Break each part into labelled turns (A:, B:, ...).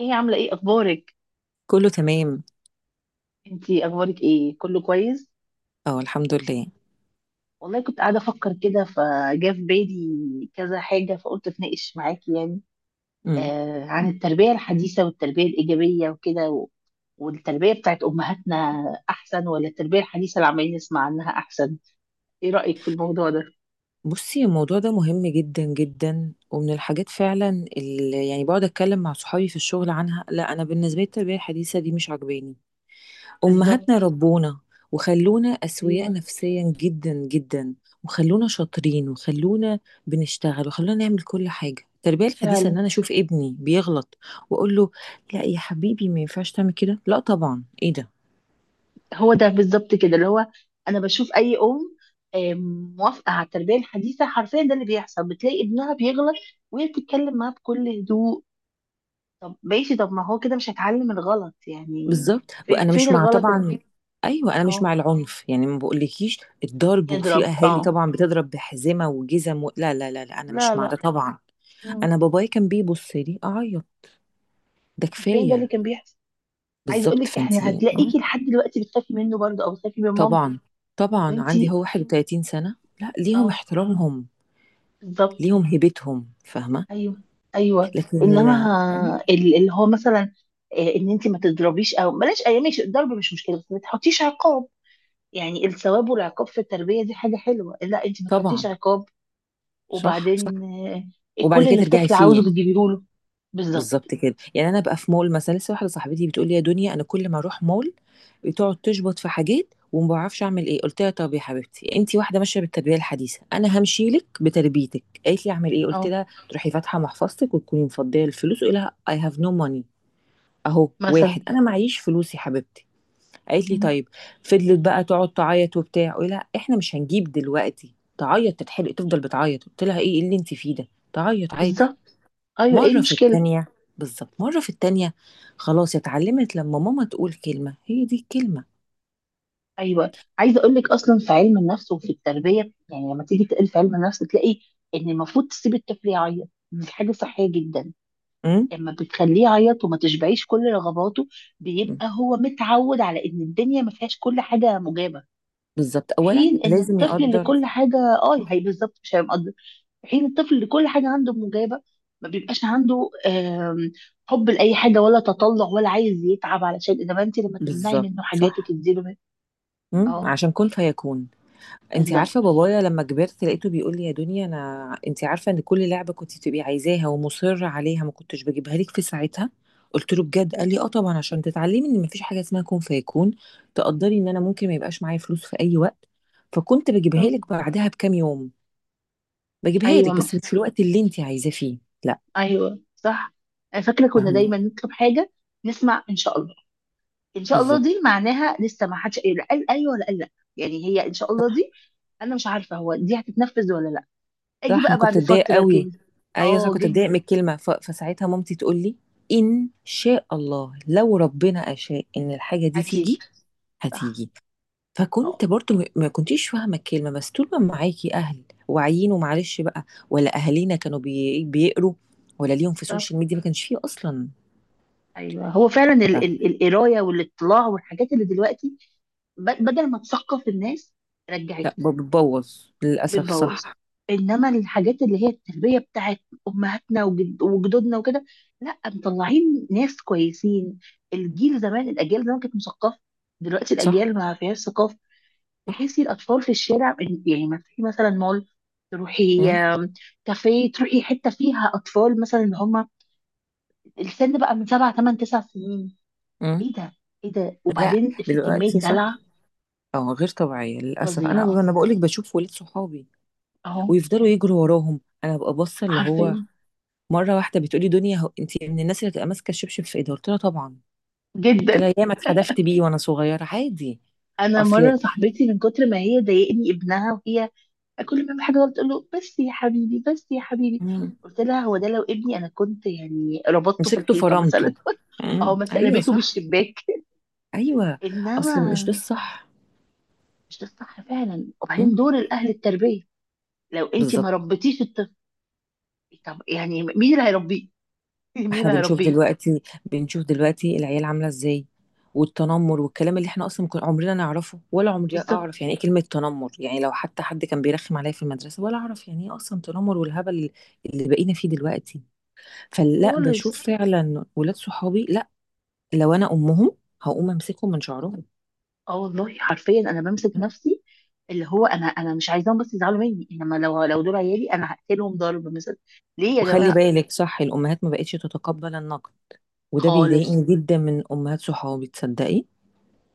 A: ايه، عاملة ايه؟ اخبارك؟
B: كله تمام.
A: انتي اخبارك ايه؟ كله كويس؟
B: اه، الحمد لله.
A: والله كنت قاعدة افكر كده، فجاء في بالي كذا حاجة فقلت اتناقش معاكي يعني
B: امم.
A: عن التربية الحديثة والتربية الإيجابية وكده. والتربية بتاعت أمهاتنا أحسن ولا التربية الحديثة اللي عمالين نسمع عنها أحسن؟ ايه رأيك في الموضوع ده؟
B: بصي، الموضوع ده مهم جدا جدا، ومن الحاجات فعلا اللي يعني بقعد اتكلم مع صحابي في الشغل عنها. لا، انا بالنسبه لي التربيه الحديثه دي مش عجباني. امهاتنا
A: بالظبط.
B: ربونا، وخلونا اسوياء
A: ايوه،
B: نفسيا جدا جدا، وخلونا شاطرين، وخلونا بنشتغل، وخلونا نعمل كل حاجه. التربيه الحديثه
A: فعلا.
B: ان انا اشوف ابني بيغلط واقول له لا يا حبيبي ما ينفعش تعمل كده، لا طبعا ايه ده.
A: هو ده بالظبط كده اللي هو انا بشوف اي ام موافقه على التربيه الحديثه حرفيا، ده اللي بيحصل، بتلاقي ابنها بيغلط وهي بتتكلم معاه بكل هدوء. طب ماشي، طب ما هو كده مش هيتعلم الغلط يعني؟
B: بالظبط.
A: فين
B: وانا
A: فين
B: مش مع
A: الغلط اللي
B: طبعا. ايوه انا مش
A: اه
B: مع العنف يعني، ما بقولكيش الضرب، وفي
A: يضرب؟
B: اهالي
A: اه
B: طبعا بتضرب بحزمه وجزم و... لا لا لا لا انا
A: لا
B: مش مع ده
A: لا.
B: طبعا.
A: مم.
B: انا باباي كان بيبص لي اعيط، ده
A: عارفين ده اللي
B: كفايه.
A: كان بيحصل. عايزه اقول
B: بالظبط.
A: لك احنا
B: فانتي
A: هتلاقيكي لحد دلوقتي بتخافي منه برضه او بتخافي من مامتك.
B: طبعا طبعا. عندي
A: وانتي
B: هو 31 سنه، لا ليهم
A: اه،
B: احترامهم،
A: بالظبط.
B: ليهم هيبتهم فاهمه.
A: ايوه ايوه.
B: لكن
A: انما اللي هو مثلا ان انت ما تضربيش، او بلاش، اي ماشي، الضرب مش مشكله، بس ما تحطيش عقاب. يعني الثواب والعقاب في التربيه دي حاجه حلوه، لا انت ما تحطيش
B: طبعا.
A: عقاب
B: صح صح.
A: وبعدين
B: وبعد
A: كل
B: كده
A: اللي
B: ترجعي
A: الطفل عاوزه
B: فيه.
A: بتجيبيه له. بالظبط.
B: بالظبط كده يعني. انا بقى في مول مثلا، لسه واحده صاحبتي بتقول لي يا دنيا انا كل ما اروح مول بتقعد تشبط في حاجات وما بعرفش اعمل ايه. قلت لها طب يا حبيبتي انت واحده ماشيه بالتربيه الحديثه، انا همشي لك بتربيتك. قالت لي اعمل ايه. قلت
A: اه
B: لها تروحي فاتحه محفظتك وتكوني مفضيه الفلوس وقولي لها اي هاف نو ماني. اهو، واحد
A: مثلا.
B: انا معيش فلوس يا حبيبتي. قالت لي
A: مم.
B: طيب. فضلت بقى تقعد تعيط وبتاع. قولي لها احنا مش هنجيب دلوقتي. تعيط، تتحرق، تفضل بتعيط. قلت لها ايه اللي انت فيه ده، تعيط عادي.
A: بالظبط. ايوه، ايه
B: مرة في
A: المشكله؟
B: التانية، بالظبط مرة في التانية، خلاص اتعلمت لما ماما تقول كلمة هي دي الكلمة.
A: ايوه، عايزه اقول لك اصلا في علم النفس وفي التربيه، يعني لما تيجي تقل في علم النفس تلاقي ان المفروض تسيب الطفل يعيط، دي حاجه صحيه جدا.
B: أم؟
A: لما بتخليه يعيط وما تشبعيش كل رغباته
B: أم.
A: بيبقى هو متعود على ان الدنيا ما فيهاش كل حاجه مجابه.
B: بالظبط،
A: في
B: أولا
A: حين ان
B: لازم
A: الطفل اللي
B: يقدر.
A: كل حاجه اه هي بالظبط، مش هيبقى، في حين الطفل اللي كل حاجه عنده مجابه ما بيبقاش عنده حب لاي حاجه، ولا تطلع، ولا عايز يتعب علشان، انما انت لما تمنعي
B: بالظبط
A: منه حاجات
B: صح.
A: وتديله.
B: أم؟
A: اه
B: عشان كن فيكون. انت عارفة
A: بالظبط.
B: بابايا لما كبرت لقيته بيقول لي يا دنيا أنا، انت عارفة إن كل لعبة كنت تبقي عايزاها ومصرة عليها ما كنتش بجيبها لك في ساعتها. قلت له بجد؟ قال لي اه طبعا، عشان تتعلمي ان مفيش حاجه اسمها كن فيكون، تقدري ان انا ممكن ما يبقاش معايا فلوس في اي وقت، فكنت بجيبها
A: بالظبط.
B: لك بعدها بكام يوم. بجيبها
A: ايوه
B: لك
A: ما.
B: بس مش في الوقت اللي انت عايزاه فيه. لا.
A: ايوه صح. أنا فاكره كنا
B: فاهمه.
A: دايما نطلب حاجه نسمع ان شاء الله، ان شاء الله
B: بالظبط
A: دي معناها لسه ما حدش قال، قال ايوه ولا قال لا، يعني هي ان شاء الله دي انا مش عارفه هو دي هتتنفذ ولا لا، اجي
B: صح. انا
A: بقى
B: كنت
A: بعد
B: اتضايق
A: فتره
B: قوي.
A: كده.
B: ايوه صح،
A: اه
B: كنت اتضايق من
A: جدا.
B: الكلمه فساعتها مامتي تقول لي ان شاء الله لو ربنا اشاء ان الحاجه دي
A: اكيد.
B: تيجي
A: صح.
B: هتيجي.
A: اه
B: فكنت برضو ما كنتيش فاهمه الكلمه، بس طول ما معاكي اهل واعيين ومعلش بقى. ولا اهالينا كانوا بيقروا ولا ليهم في
A: بالظبط.
B: السوشيال ميديا، ما كانش فيه اصلا.
A: ايوه هو فعلا
B: ف...
A: القرايه والاطلاع والحاجات اللي دلوقتي بدل ما تثقف الناس
B: لا
A: رجعتهم،
B: بتبوظ للاسف.
A: بتبوظ.
B: صح.
A: انما الحاجات اللي هي التربيه بتاعت امهاتنا وجدودنا وكده، لا، مطلعين ناس كويسين. الجيل زمان، الاجيال زمان كانت مثقفه، دلوقتي
B: صح
A: الاجيال ما فيهاش ثقافه.
B: صح.
A: تحسي الاطفال في الشارع، يعني ما تروحي مثلا مول، تروحي كافيه، تروحي حته فيها اطفال مثلا اللي هم السن بقى من سبع ثمان تسع سنين.
B: امم.
A: ايه ده، ايه ده؟
B: لا
A: وبعدين في كمية
B: دلوقتي. صح.
A: دلع
B: اه غير طبيعية للأسف. أنا
A: فظيعة.
B: أنا بقولك بشوف ولاد صحابي
A: اهو،
B: ويفضلوا يجروا وراهم، أنا ببقى باصة اللي هو.
A: حرفيا،
B: مرة واحدة بتقولي دنيا هو أنت من الناس اللي تبقى ماسكة الشبشب في إيدها، قلت لها طبعا.
A: جدا.
B: قلت لها ياما اتحدفت بيه وأنا صغيرة عادي.
A: انا
B: أصل.
A: مرة صاحبتي من كتر ما هي ضايقني ابنها، وهي كل ما يعمل حاجة غلط تقول له بس يا حبيبي، بس يا حبيبي،
B: مم.
A: قلت لها هو ده لو ابني انا كنت يعني ربطته في
B: مسكته
A: الحيطة
B: فرمته.
A: مثلا
B: مم.
A: او مثلا
B: أيوه
A: رميته
B: صح.
A: بالشباك.
B: أيوه. أصل مش ده
A: انما
B: الصح.
A: مش ده الصح فعلا، وبعدين
B: مم.
A: دور الاهل التربية، لو انت ما
B: بالظبط.
A: ربيتيش الطفل طب يعني مين اللي هيربيه؟ مين
B: احنا
A: اللي
B: بنشوف
A: هيربيه؟
B: دلوقتي، بنشوف دلوقتي العيال عامله ازاي، والتنمر والكلام اللي احنا اصلا كنا عمرنا نعرفه. ولا عمري
A: بالظبط.
B: اعرف يعني ايه كلمه تنمر. يعني لو حتى حد كان بيرخم عليا في المدرسه، ولا اعرف يعني ايه اصلا تنمر والهبل اللي بقينا فيه دلوقتي. فلا،
A: خالص.
B: بشوف فعلا ولاد صحابي، لا لو انا امهم هقوم امسكهم من شعرهم.
A: اه والله حرفيا انا بمسك نفسي، اللي هو انا مش عايزاهم بس يزعلوا مني، انما لو دول عيالي انا هقتلهم ضرب مثلا. ليه يا
B: وخلي
A: جماعه؟
B: بالك صح، الامهات ما بقتش تتقبل النقد، وده
A: خالص.
B: بيضايقني جدا من امهات صحابي تصدقي.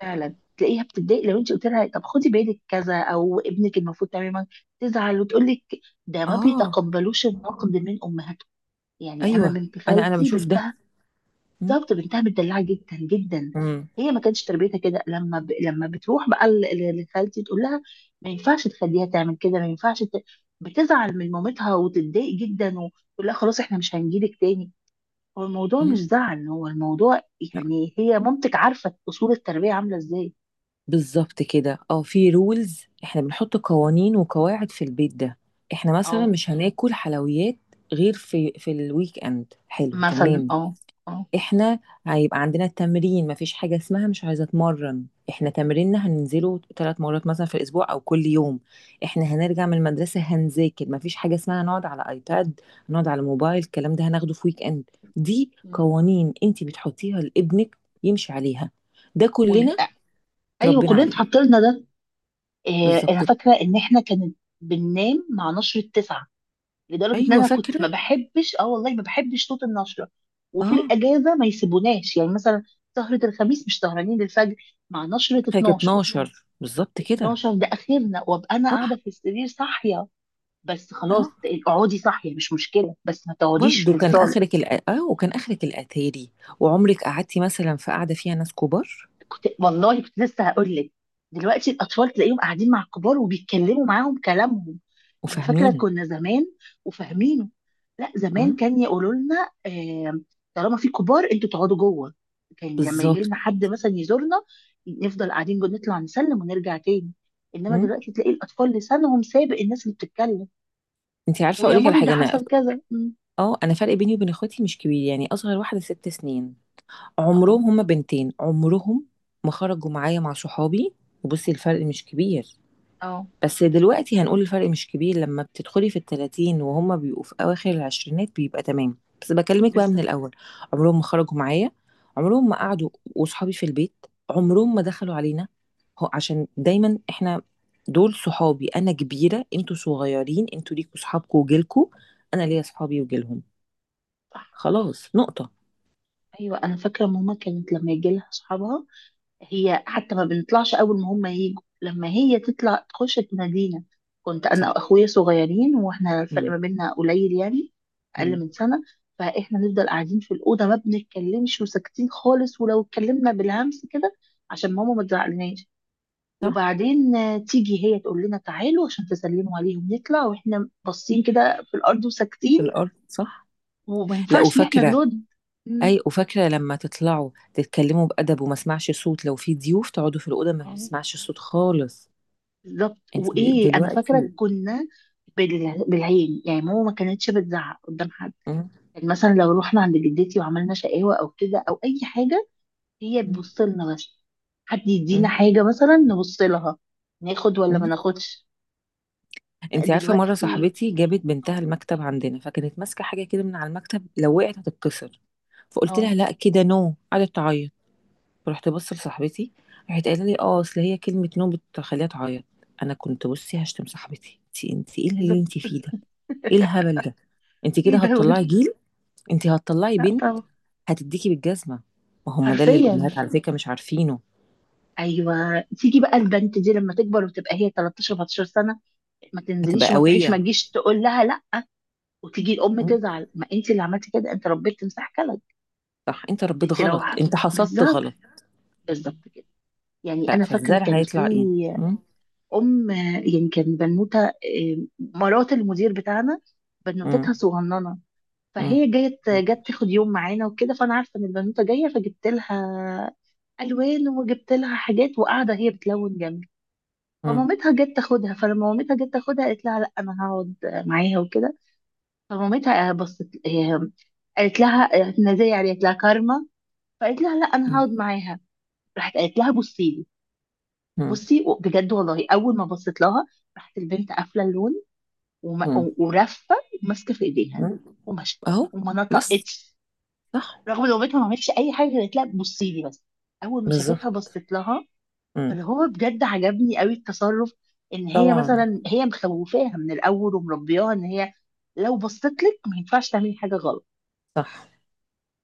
A: فعلا تلاقيها بتتضايق لو انت قلت لها طب خدي بالك كذا او ابنك المفروض تماما، تزعل وتقول لك، ده ما
B: اه.
A: بيتقبلوش النقد من امهاتهم. يعني انا
B: ايوه
A: بنت
B: انا
A: خالتي
B: بشوف ده.
A: بنتها،
B: م-
A: بالظبط، بنتها متدلعه جدا جدا،
B: م-
A: هي ما كانتش تربيتها كده، لما لما بتروح بقى لخالتي تقول لها ما ينفعش تخليها تعمل كده، ما ينفعش بتزعل من مامتها وتتضايق جدا وتقول لها خلاص احنا مش هنجيلك تاني. هو الموضوع مش
B: م.
A: زعل، هو الموضوع يعني هي مامتك عارفه اصول التربيه عامله ازاي.
B: بالظبط كده. اه في رولز، احنا بنحط قوانين وقواعد في البيت ده. احنا مثلا
A: اه
B: مش هناكل حلويات غير في الويك اند. حلو
A: مثلا.
B: تمام.
A: اه اه.
B: احنا هيبقى عندنا تمرين، مفيش حاجة اسمها مش عايزة اتمرن. احنا تمريننا هننزله 3 مرات مثلا في الاسبوع او كل يوم. احنا هنرجع من المدرسة هنذاكر، مفيش حاجة اسمها نقعد على ايباد، نقعد على موبايل، الكلام ده هناخده في ويك اند. دي
A: مم.
B: قوانين انت بتحطيها لابنك يمشي عليها. ده كلنا
A: ويبقى ايوه
B: تربينا
A: كلنا
B: عليه.
A: اتحط لنا ده. إيه،
B: بالظبط.
A: انا فاكره ان احنا كانت بننام مع نشره 9، لدرجه ان
B: ايوه
A: انا كنت ما
B: فاكره
A: بحبش، اه والله ما بحبش صوت النشره. وفي
B: اه،
A: الاجازه ما يسيبوناش يعني مثلا سهره الخميس مش سهرانين للفجر، مع نشره
B: كانت
A: 12،
B: 12 بالظبط كده.
A: 12 ده اخرنا، وابقى انا قاعده
B: صح.
A: في السرير صاحيه، بس
B: اه
A: خلاص اقعدي صاحيه مش مشكله بس ما تقعديش
B: برضه
A: في
B: كان
A: الصاله.
B: اخرك الأ... اه آه، وكان اخرك الاتاري، وعمرك قعدتي مثلا في قعده فيها ناس كبار.
A: كنت والله كنت لسه هقول لك، دلوقتي الاطفال تلاقيهم قاعدين مع الكبار وبيتكلموا معاهم كلامهم. انا فاكره
B: وفاهمين.
A: كنا زمان وفاهمينه، لا، زمان
B: امم.
A: كان يقولوا لنا طالما في كبار انتوا تقعدوا جوه. كان لما يجي
B: بالظبط.
A: لنا حد مثلا يزورنا نفضل قاعدين جوه، نطلع نسلم ونرجع تاني، انما
B: امم.
A: دلوقتي تلاقي الاطفال لسانهم سابق الناس اللي بتتكلم.
B: انت عارفه
A: ويا
B: اقول لك على
A: مامي ده
B: حاجه، انا
A: حصل كذا. مم.
B: اه انا فرق بيني وبين اخواتي مش كبير يعني، اصغر واحده 6 سنين.
A: اه
B: عمرهم هما بنتين، عمرهم ما خرجوا معايا مع صحابي. وبصي الفرق مش كبير،
A: اه
B: بس دلوقتي هنقول الفرق مش كبير لما بتدخلي في التلاتين وهما بيبقوا في أواخر العشرينات بيبقى تمام، بس بكلمك بقى من
A: بالظبط.
B: الأول. عمرهم ما خرجوا معايا، عمرهم ما
A: اه
B: قعدوا، وصحابي في البيت عمرهم ما دخلوا علينا. هو عشان دايما احنا، دول صحابي أنا كبيرة، انتوا صغيرين، انتوا ليكوا صحابكوا وجيلكوا، أنا ليا صحابي وجيلهم.
A: صح.
B: خلاص نقطة.
A: ايوه انا فاكره ماما كانت لما يجي لها اصحابها هي حتى ما بنطلعش، اول ما هم يجوا لما هي تطلع تخش تنادينا. كنت انا
B: صح.
A: واخويا صغيرين واحنا الفرق
B: مم.
A: ما بيننا قليل يعني، اقل
B: مم.
A: من سنه، فاحنا نفضل قاعدين في الاوضه ما بنتكلمش وساكتين خالص، ولو اتكلمنا بالهمس كده عشان ماما ما تزعلناش.
B: صح
A: وبعدين تيجي هي تقول لنا تعالوا عشان تسلموا عليهم، نطلع واحنا باصين كده في الارض وساكتين،
B: في الأرض صح.
A: وما
B: لا
A: ينفعش ان احنا
B: وفاكرة.
A: نرد.
B: اي، وفاكره لما تطلعوا تتكلموا بادب وما اسمعش صوت، لو في ضيوف تقعدوا في الاوضه ما
A: مم.
B: بسمعش صوت خالص.
A: بالظبط.
B: انت
A: وايه، انا
B: دلوقتي.
A: فاكره كنا بالعين يعني، ماما ما كانتش بتزعق قدام حد.
B: مم.
A: يعني مثلا لو رحنا عند جدتي وعملنا شقاوه او كده او اي حاجه، هي تبص لنا بس. حد يدينا
B: مم.
A: حاجه مثلا نبص لها، ناخد ولا ما
B: مم.
A: ناخدش. لا،
B: انت عارفه مره
A: دلوقتي.
B: صاحبتي جابت
A: اه.
B: بنتها المكتب عندنا، فكانت ماسكه حاجه كده من على المكتب لو وقعت هتتكسر، فقلت
A: آه،
B: لها لا كده نو. قعدت تعيط. رحت بص لصاحبتي، راحت قايله لي اه اصل هي كلمه نو بتخليها تعيط. انا كنت بصي هشتم صاحبتي، انت ايه اللي
A: بالظبط.
B: انت فيه ده، ايه الهبل ده. انت
A: ايه
B: كده
A: دوت.
B: هتطلعي جيل، انتي هتطلعي
A: لا
B: بنت
A: طبعا.
B: هتديكي بالجزمة. ما هم ده اللي
A: حرفيا.
B: الأمهات على فكرة مش عارفينه.
A: ايوه، تيجي بقى البنت دي لما تكبر وتبقى هي 13 14 سنه، ما
B: هتبقى
A: تنزليش وما تروحيش، ما
B: قوية.
A: تجيش تقول لها لا، وتيجي الام
B: مم.
A: تزعل، ما انت اللي عملتي كده، انت ربيت تمساح، كلب.
B: صح انت ربيت
A: انت لو
B: غلط،
A: ح-،
B: انت حصدت
A: بالظبط
B: غلط.
A: بالظبط كده. يعني انا فاكره
B: فالزرع
A: كان في
B: هيطلع ايه. مم.
A: ام، يعني كان بنوته مرات المدير بتاعنا
B: مم.
A: بنوتتها صغننه،
B: مم.
A: فهي جت تاخد يوم معانا وكده، فانا عارفه ان البنوته جايه فجبت لها الوان وجبت لها حاجات، وقاعده هي بتلون جنبي.
B: مم.
A: فمامتها جت تاخدها، فلما مامتها جت تاخدها قالت لها لا انا هقعد معاها وكده، فمامتها بصت قالت لها احنا زي يعني، قالت لها كارما. فقالت لها لا انا
B: مم.
A: هقعد معاها. راحت قالت لها بصي لي،
B: مم.
A: بصي بجد والله اول ما بصيت لها راحت البنت قافله اللون وم-
B: مم.
A: ورفه وماسكه في ايديها
B: مم.
A: ومشت
B: اهو.
A: وما
B: بس.
A: نطقتش.
B: صح.
A: رغم ان بنتها ما عملتش اي حاجه، قالت لها بصي لي بس، اول ما شافتها
B: بالظبط.
A: بصيت لها.
B: مم.
A: فاللي هو بجد عجبني قوي التصرف، ان هي
B: طبعا.
A: مثلا هي مخوفاها من الاول ومربياها ان هي لو بصيت لك ما ينفعش تعملي حاجه غلط.
B: صح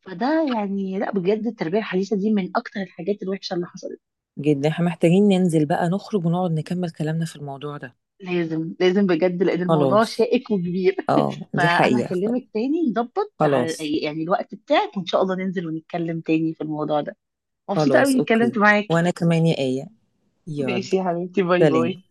A: فده يعني لا، بجد التربيه الحديثه دي من اكتر الحاجات الوحشه اللي حصلت.
B: جدا. احنا محتاجين ننزل بقى نخرج ونقعد نكمل كلامنا في الموضوع ده.
A: لازم لازم بجد لان الموضوع
B: خلاص.
A: شائك وكبير
B: اه دي
A: فانا
B: حقيقة.
A: هكلمك تاني نظبط على
B: خلاص.
A: يعني الوقت بتاعك وان شاء الله ننزل ونتكلم تاني في الموضوع ده. مبسوطة قوي
B: خلاص
A: اني
B: اوكي.
A: اتكلمت معاكي.
B: وانا كمان يا آية. يلا.
A: ماشي يا حبيبتي، باي
B: سليم.
A: باي.